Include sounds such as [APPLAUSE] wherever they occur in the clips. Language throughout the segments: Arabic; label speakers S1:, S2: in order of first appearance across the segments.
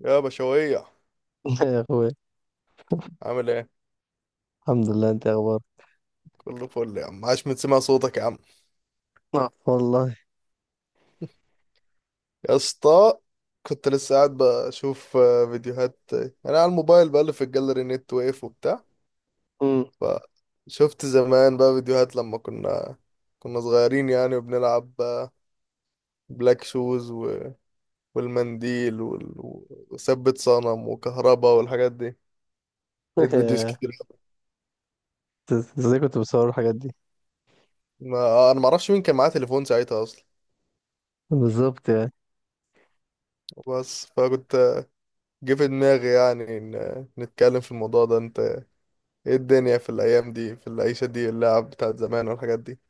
S1: يا بشوية،
S2: يا اخوي،
S1: عامل ايه؟
S2: الحمد لله. انت إيه اخبارك؟
S1: كله فل يا عم. عاش من سمع صوتك يا عم،
S2: آه. والله.
S1: يا اسطى. كنت لسه قاعد بشوف فيديوهات، انا على الموبايل بقلب في الجاليري، نت واقف وبتاع.
S2: مم.
S1: فشفت زمان بقى فيديوهات لما كنا صغيرين يعني وبنلعب، بلاك شوز والمنديل وثبت صنم وكهربا والحاجات دي. لقيت فيديوز كتير.
S2: [LAUGHS] ازاي كنت بصور الحاجات دي؟
S1: ما... انا معرفش مين كان معاه تليفون ساعتها اصلا.
S2: بالظبط يعني.
S1: بس فكنت، جه في دماغي يعني إن نتكلم في الموضوع ده. انت ايه الدنيا في الايام دي، في العيشه دي، اللعب بتاعت زمان والحاجات دي؟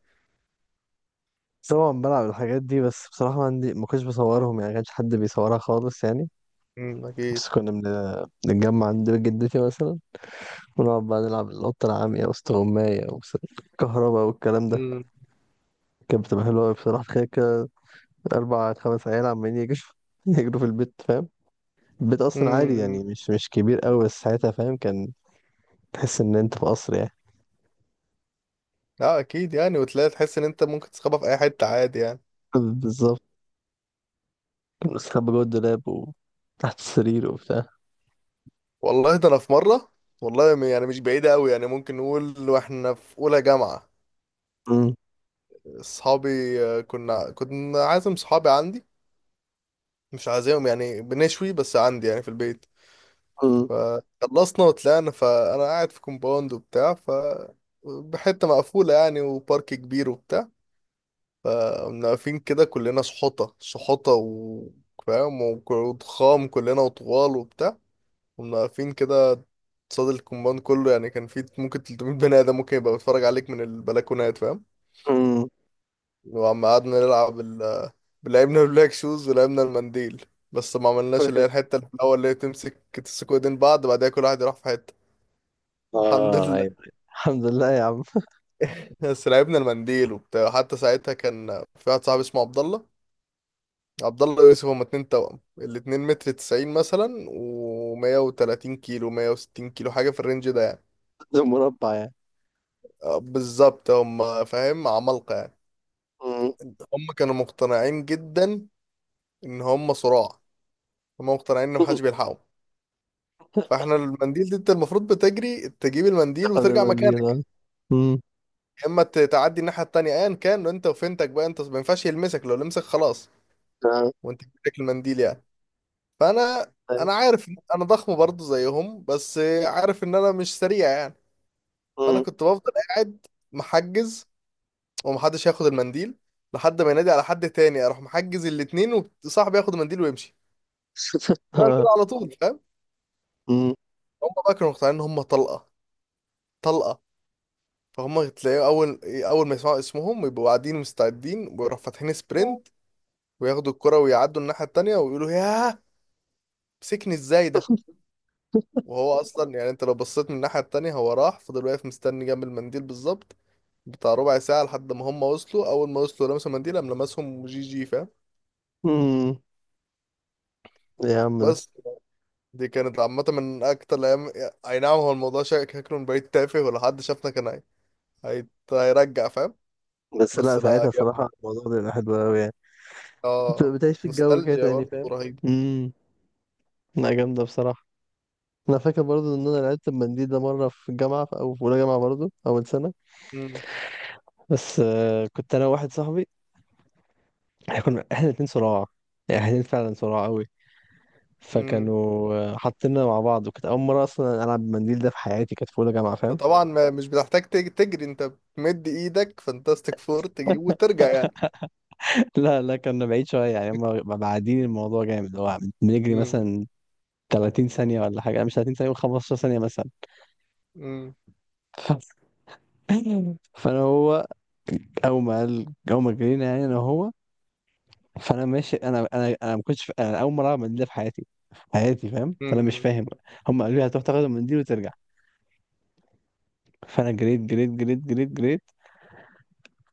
S2: طبعا بلعب الحاجات دي، بس بصراحة ما عندي، ما كنتش بصورهم يعني، ما كانش حد بيصورها خالص يعني.
S1: اكيد.
S2: بس كنا بنتجمع عند بيت جدتي مثلا، ونقعد بقى نلعب القطة العامية واستغماية وكهرباء والكلام ده.
S1: مم.
S2: كانت بتبقى حلوة أوي بصراحة. تخيل كده، أربع خمس عيال عمالين يجروا [LAUGHS] يجروا في البيت، فاهم؟ البيت أصلا عادي
S1: امم
S2: يعني، مش كبير أوي، بس ساعتها فاهم، كان تحس إن أنت في قصر يعني.
S1: اه اكيد يعني، وتلاقي تحس ان انت ممكن تسخبها في اي حته عادي يعني.
S2: [LAUGHS] بالظبط. بستخبى جوه الدولاب وتحت السرير وبتاع.
S1: والله، ده انا في مره، والله يعني مش بعيده قوي يعني، ممكن نقول واحنا في اولى جامعه.
S2: مم.
S1: اصحابي، كنا عازم صحابي عندي، مش عازمهم يعني بنشوي، بس عندي يعني في البيت.
S2: مم.
S1: فخلصنا وطلعنا، فانا قاعد في كومباوند وبتاع، ف بحته مقفوله يعني، وبارك كبير وبتاع. فقمنا واقفين كده كلنا، سحوطة سحوطة فاهم، وضخام كلنا وطوال وبتاع. قمنا واقفين كده قصاد الكومباوند كله. يعني كان في ممكن 300 بني آدم ممكن يبقى بيتفرج عليك من البلكونات، فاهم.
S2: مم.
S1: وعم قعدنا نلعب لعبنا البلاك شوز ولعبنا المنديل. بس ما عملناش اللي هي
S2: [LAUGHS]
S1: الحتة اللي في الأول، اللي هي تمسك، تمسكوا ايدين بعض، بعدها كل واحد يروح في حتة. الحمد
S2: اه،
S1: لله.
S2: ايوه. الحمد لله يا عم.
S1: [LAUGHS] بس لعبنا المنديل وبتاع. حتى ساعتها كان في واحد صاحبي اسمه عبد الله. عبد الله ويوسف، هما اتنين توأم، الاتنين متر 90 مثلا، ومية وتلاتين كيلو، 160 كيلو، حاجة في الرينج ده يعني.
S2: [LAUGHS] ده مربع يعني.
S1: بالظبط، هما فاهم عمالقة يعني.
S2: مم.
S1: هما كانوا مقتنعين جدا إن هما صراع. هما مقتنعين إن محدش
S2: [LAUGHS]
S1: بيلحقهم. فاحنا المنديل دي، انت المفروض بتجري تجيب المنديل
S2: تاخد
S1: وترجع
S2: المنديل. آه.
S1: مكانك.
S2: مم.
S1: يا اما تعدي الناحية التانية، ايا كان انت وفنتك بقى. انت ما ينفعش يلمسك، لو لمسك خلاص.
S2: آه.
S1: وانت بتاكل المنديل يعني. فانا
S2: أيوة.
S1: انا عارف إن انا ضخم برضه زيهم، بس عارف ان انا مش سريع يعني. فانا
S2: مم.
S1: كنت بفضل قاعد محجز، ومحدش ياخد المنديل، لحد ما ينادي على حد تاني، اروح محجز الاتنين، وصاحبي ياخد المنديل ويمشي.
S2: [LAUGHS]
S1: طبعا كده
S2: آه.
S1: على طول فاهم.
S2: مم.
S1: هم بقى كانوا مقتنعين ان هم طلقه. طلقه. فهم تلاقيه، اول اول ما يسمعوا اسمهم يبقوا قاعدين مستعدين، ويروحوا فاتحين سبرنت، وياخدوا الكرة ويعدوا الناحيه التانيه، ويقولوا ياه، مسكني ازاي ده. وهو اصلا يعني، انت لو بصيت من الناحيه التانيه، هو راح فضل واقف مستني جنب المنديل بالظبط، بتاع ربع ساعه، لحد ما هم وصلوا. اول ما وصلوا لمسوا المنديل، قام لمسهم جي جي فاهم.
S2: مم. يا عم ده.
S1: بس، دي كانت عامة من أكتر الأيام. أي نعم، هو الموضوع شكله من بعيد تافه، ولو حد شافنا كان، هيرجع فاهم.
S2: بس
S1: بس
S2: لا،
S1: لا
S2: ساعتها
S1: يا ابني.
S2: صراحة الموضوع ده بيبقى حلو أوي يعني. بتبقى
S1: آه
S2: بتعيش في الجو كده
S1: نوستالجيا
S2: تاني،
S1: برضه
S2: فاهم؟
S1: رهيبة.
S2: امم. لا، جامدة بصراحة. أنا فاكر برضو إن أنا لعبت المنديل ده مرة في الجامعة، أو في أولى جامعة برضو، أول سنة.
S1: مم.
S2: بس كنت أنا وواحد صاحبي. احنا الاتنين صراع، يعني احنا الاتنين فعلا صراع قوي.
S1: مم.
S2: فكانوا حاطيننا مع بعض، وكانت اول مره اصلا العب بالمنديل ده في حياتي، كانت في اولى جامعه،
S1: أنت
S2: فاهم؟
S1: طبعا ما مش بتحتاج تجري، أنت بتمد إيدك فانتاستيك فور تجيب وترجع يعني.
S2: [LAUGHS] لا لا، كنا بعيد شويه يعني. هم بعدين الموضوع جامد، اللي هو بنجري
S1: مم.
S2: مثلا 30 ثانيه ولا حاجه. انا مش 30 ثانيه، 15 ثانيه مثلا.
S1: مم.
S2: [LAUGHS] فانا هو، اول ما جرينا يعني، انا هو، فانا ماشي. انا ما كنتش انا اول مره العب بالمنديل ده في حياتي، في حياتي فاهم، فانا مش
S1: مم.
S2: فاهم. هم قالوا لي هتروح تاخد المنديل وترجع، فانا جريت جريت جريت جريت جريت.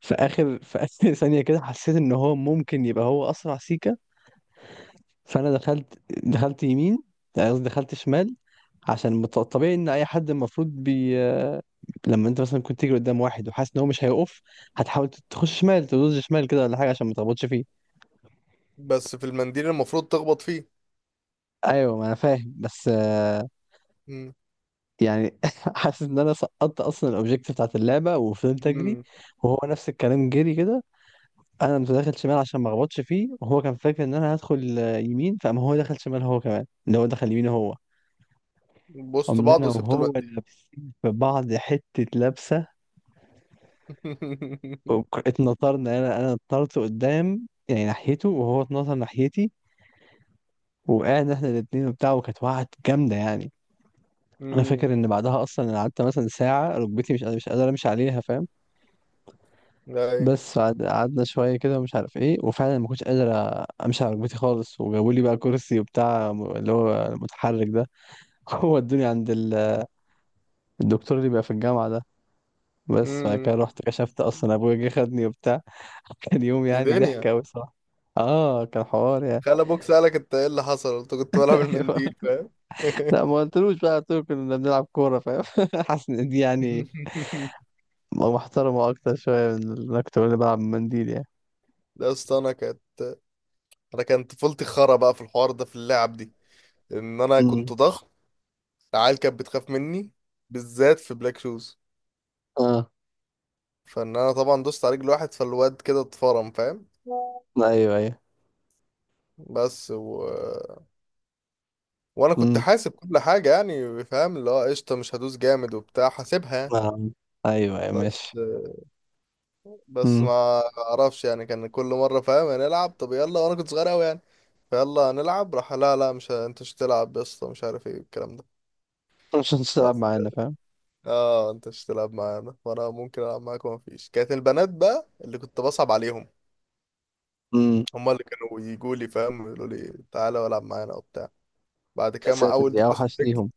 S2: في اخر [LAUGHS] ثانيه كده، حسيت ان هو ممكن يبقى هو اسرع سيكه. فانا دخلت يمين، يعني قصدي دخلت شمال، عشان طبيعي ان اي حد المفروض بي. لما انت مثلا كنت تيجي قدام واحد وحاسس ان هو مش هيقف، هتحاول تخش شمال، تدوز شمال كده ولا حاجه، عشان ما تخبطش فيه.
S1: بس في المنديل المفروض تخبط فيه.
S2: ايوه، ما انا فاهم، بس
S1: مم.
S2: يعني [LAUGHS] حاسس ان انا سقطت اصلا الاوبجيكتيف بتاعت اللعبه، وفضلت اجري.
S1: مم.
S2: وهو نفس الكلام جري كده. انا كنت داخل شمال عشان ما اخبطش فيه، وهو كان فاكر ان انا هدخل يمين، فقام هو دخل شمال هو كمان، اللي هو دخل يمين هو.
S1: بوست
S2: قمنا
S1: بعض
S2: انا
S1: وسبت
S2: وهو
S1: المنديل.
S2: لابسين في بعض، حته لبسه.
S1: [LAUGHS]
S2: اتنطرنا، انا اتنطرت قدام يعني ناحيته، وهو اتنطر ناحيتي. وقعنا احنا الاتنين وبتاع، وكانت وقعت جامده يعني. انا فاكر
S1: مم.
S2: ان بعدها اصلا انا قعدت مثلا ساعه ركبتي مش قادر امشي عليها، فاهم؟
S1: أيوة.
S2: بس قعدنا شويه كده، ومش عارف ايه، وفعلا ما كنتش قادر امشي على ركبتي خالص. وجابوا لي بقى كرسي وبتاع، اللي هو متحرك ده. هو ادوني عند الدكتور اللي بيبقى في الجامعة ده. بس بعد
S1: مم.
S2: كده رحت كشفت اصلا، ابويا جه خدني وبتاع. [LAUGHS] كان يوم
S1: دي
S2: يعني
S1: دنيا.
S2: ضحك اوي، صح؟ اه، كان حوار يعني.
S1: خلى ابوك سألك انت ايه اللي حصل، قلت كنت بلعب
S2: [LAUGHS] ايوه.
S1: المنديل فاهم.
S2: لا، ما قلتلوش بقى، قلت له كنا بنلعب كورة، فاهم؟ [LAUGHS] حاسس ان دي يعني
S1: [LAUGHS]
S2: محترمة اكتر شوية من اللي انا كنت بقول بلعب منديل يعني.
S1: لا، اصل انا كانت، طفولتي خرا بقى في الحوار ده، في اللعب دي، ان انا
S2: امم.
S1: كنت ضخم. العيال كانت بتخاف مني، بالذات في بلاك شوز.
S2: اه،
S1: فان انا طبعا دوست على رجل واحد، فالواد كده اتفرم فاهم.
S2: ايوه ايوه.
S1: بس وانا كنت
S2: امم.
S1: حاسب كل حاجه يعني فاهم، اللي هو قشطه، مش هدوس جامد وبتاع، حاسبها.
S2: آه. ايوه ايوه
S1: بس
S2: ماشي.
S1: بس ما
S2: امم.
S1: اعرفش يعني، كان كل مره فاهم هنلعب، طب يلا، وانا كنت صغير قوي. فيلا نلعب، راح لا لا، مش انت مش تلعب يا اسطى، مش عارف ايه الكلام ده.
S2: [LAUGHS] مش هتلعب
S1: بس
S2: معانا، فاهم؟
S1: اه، انت مش تلعب معانا، وانا ممكن العب معاك، وما فيش. كانت البنات بقى اللي كنت بصعب عليهم.
S2: امم.
S1: هما اللي كانوا يجوا لي فاهم، يقولوا لي تعالى والعب معانا وبتاع. بعد
S2: يا
S1: كده مع
S2: ساتر،
S1: اول
S2: دي
S1: دوسة
S2: اوحش
S1: رجل.
S2: ليهم.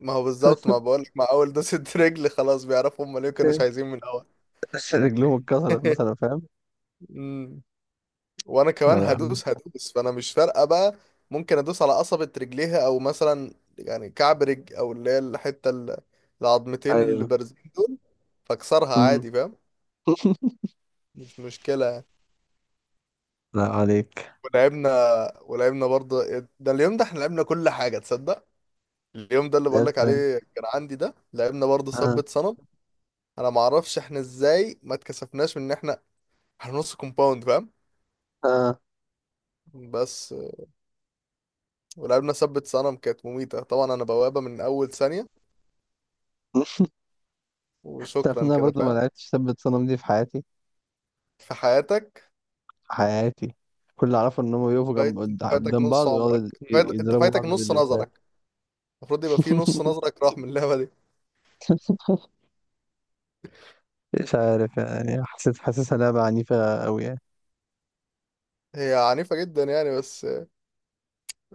S1: ما هو بالظبط، ما
S2: [LAUGHS]
S1: بقول لك، مع اول دوسة [LAUGHS] رجل خلاص بيعرفوا، هما ليه كانوا مش عايزين من الاول.
S2: رجلهم اتكسرت مثلا، فاهم؟
S1: [LAUGHS] وانا
S2: لا
S1: كمان
S2: لا.
S1: هدوس هدوس، فانا مش فارقه بقى. ممكن ادوس على قصبة رجليها، او مثلا يعني كعب رجل، او اللي هي الحته العظمتين
S2: ايوه.
S1: اللي بارزين دول. فاكسرها
S2: امم.
S1: عادي فاهم. مش مشكله يعني.
S2: لا عليك.
S1: ولعبنا، ولعبنا برضه. ده اليوم ده، احنا لعبنا كل حاجه تصدق. اليوم ده اللي بقولك
S2: لعبت ايه؟
S1: عليه كان عندي، ده لعبنا برضه
S2: اه.
S1: ثبت صنم. انا معرفش احنا ازاي ما اتكسفناش من ان احنا نص كومباوند فاهم.
S2: اه.
S1: بس، ولعبنا ثبت صنم، كانت مميته طبعا. انا بوابه من اول ثانيه
S2: [LAUGHS] تعرف ان
S1: وشكرا
S2: انا
S1: كده
S2: برضه ما
S1: فاهم.
S2: لعبتش ثبت صنم دي في حياتي،
S1: في حياتك.
S2: في حياتي. كل اللي اعرفه ان هم يقفوا جنب
S1: فايت، انت فايتك
S2: قدام
S1: نص
S2: بعض، ويقعدوا
S1: عمرك، انت
S2: يضربوا
S1: فايتك
S2: بعض
S1: نص
S2: باللفات.
S1: نظرك. المفروض يبقى في نص
S2: [LAUGHS]
S1: نظرك راح من اللعبة دي.
S2: مش عارف يعني، حسيت حاسسها لعبة عنيفة قوي يعني.
S1: هي عنيفة جدا يعني، بس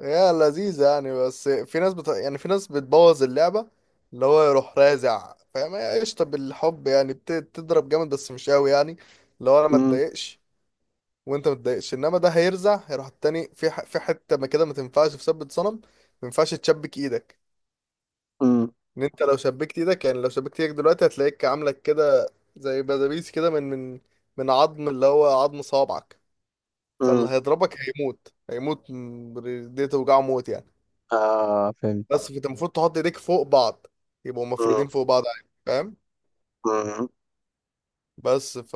S1: هي لذيذة يعني. بس في ناس يعني في ناس بتبوظ اللعبة. اللي هو يروح رازع فاهم. هي قشطة بالحب يعني، بتضرب جامد بس مش قوي يعني. اللي هو انا ما
S2: امم.
S1: اتضايقش وانت ما تضايقش، انما ده هيرزع، هيروح التاني في في حتة ما، كده ما تنفعش في ثبت صنم. ما ينفعش تشبك ايدك.
S2: امم.
S1: ان انت لو شبكت ايدك، يعني لو شبكت ايدك دلوقتي، هتلاقيك عامله كده زي بلابيس كده، من عظم اللي هو عظم صوابعك. فاللي
S2: امم.
S1: هيضربك هيموت، هيموت، دي توجعه موت يعني.
S2: اه، فهمت.
S1: بس فانت المفروض تحط ايديك فوق بعض، يبقوا
S2: امم.
S1: مفرودين فوق بعض عادي فاهم.
S2: امم.
S1: بس ف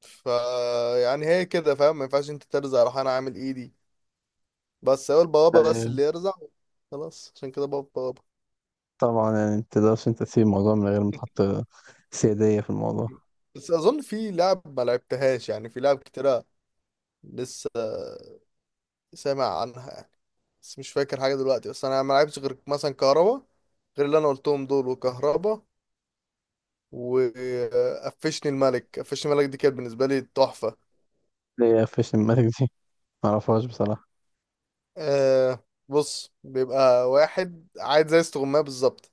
S1: ف يعني هي كده فاهم، ما ينفعش انت ترزع. راح انا عامل ايدي. بس هو البوابه بس
S2: أيوة.
S1: اللي يرزع. خلاص عشان كده، بابا بابا.
S2: طبعا يعني، ما تقدرش انت تسيب الموضوع من غير ما تحط سيادية في الموضوع.
S1: بس اظن في لعب ما لعبتهاش يعني، في لعب كتيره لسه سامع عنها، بس مش فاكر حاجة دلوقتي. بس أنا ما لعبتش غير مثلا كهربا، غير اللي أنا قلتهم دول، وكهربا. وقفشني الملك. قفشني الملك دي كانت بالنسبة لي تحفة.
S2: اللي هي فيش الماسك دي، ما اعرفهاش بصراحة.
S1: أه بص، بيبقى واحد عايز زي استغماية بالظبط،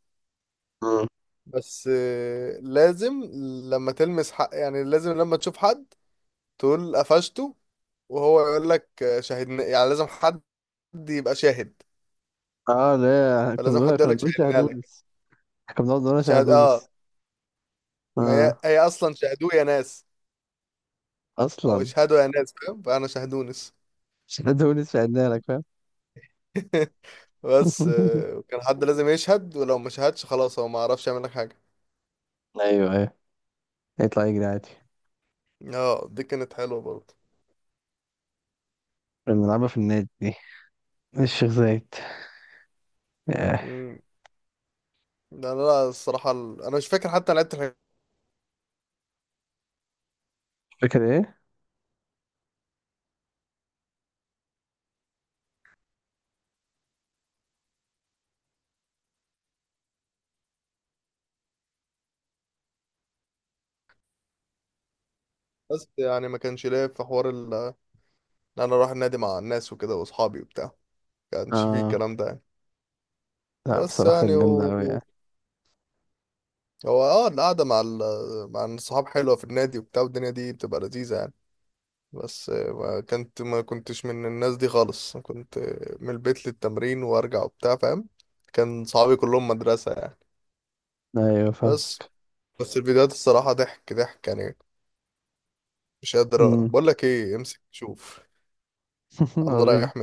S1: بس لازم لما تلمس حق يعني، لازم لما تشوف حد تقول قفشته. وهو يقول لك شاهدنا. يعني لازم حد يبقى شاهد.
S2: اه لا، كنا
S1: فلازم
S2: بنقول
S1: حد يقول
S2: كنا
S1: لك
S2: بنقول
S1: شاهدنا لك.
S2: شاهدونس. كنا بنقعد نقول
S1: شاهد،
S2: شاهدونس.
S1: اه. ما هي،
S2: اه.
S1: هي اصلا شاهدوه يا ناس، او
S2: اصلا
S1: اشهدوا يا ناس فاهم، فانا شهدونس.
S2: شاهدونس، شاهدنا لك، فاهم؟
S1: [LAUGHS] بس
S2: [LAUGHS]
S1: كان حد لازم يشهد، ولو ما شهدش خلاص، هو ما عرفش يعمل لك حاجه.
S2: ايوه ايوه. يطلع يجري عادي.
S1: اه دي كانت حلوه برضه.
S2: كنا بنلعبها في النادي دي، الشيخ زايد. ياه.
S1: مم. ده انا، لا الصراحه، انا مش فاكر حتى انا لعبت الحاجات.
S2: فاكر ايه؟
S1: بس يعني ما كانش ليا في حوار ان انا اروح النادي مع الناس وكده واصحابي وبتاع. ما كانش فيه
S2: اه
S1: الكلام ده يعني.
S2: لا،
S1: بس
S2: بصراحة
S1: يعني
S2: كانت جامدة أوي يعني.
S1: هو اه القعده مع مع الصحاب حلوه في النادي وبتاع، والدنيا دي بتبقى لذيذه يعني. بس ما كنتش من الناس دي خالص. كنت من البيت للتمرين وارجع وبتاع فاهم. كان صحابي كلهم مدرسة يعني.
S2: ايوه، فاهم.
S1: بس بس الفيديوهات الصراحة ضحك ضحك يعني، مش قادر
S2: مم.
S1: بقول لك ايه، امسك شوف.
S2: [LAUGHS]
S1: الله
S2: وريني
S1: رايح.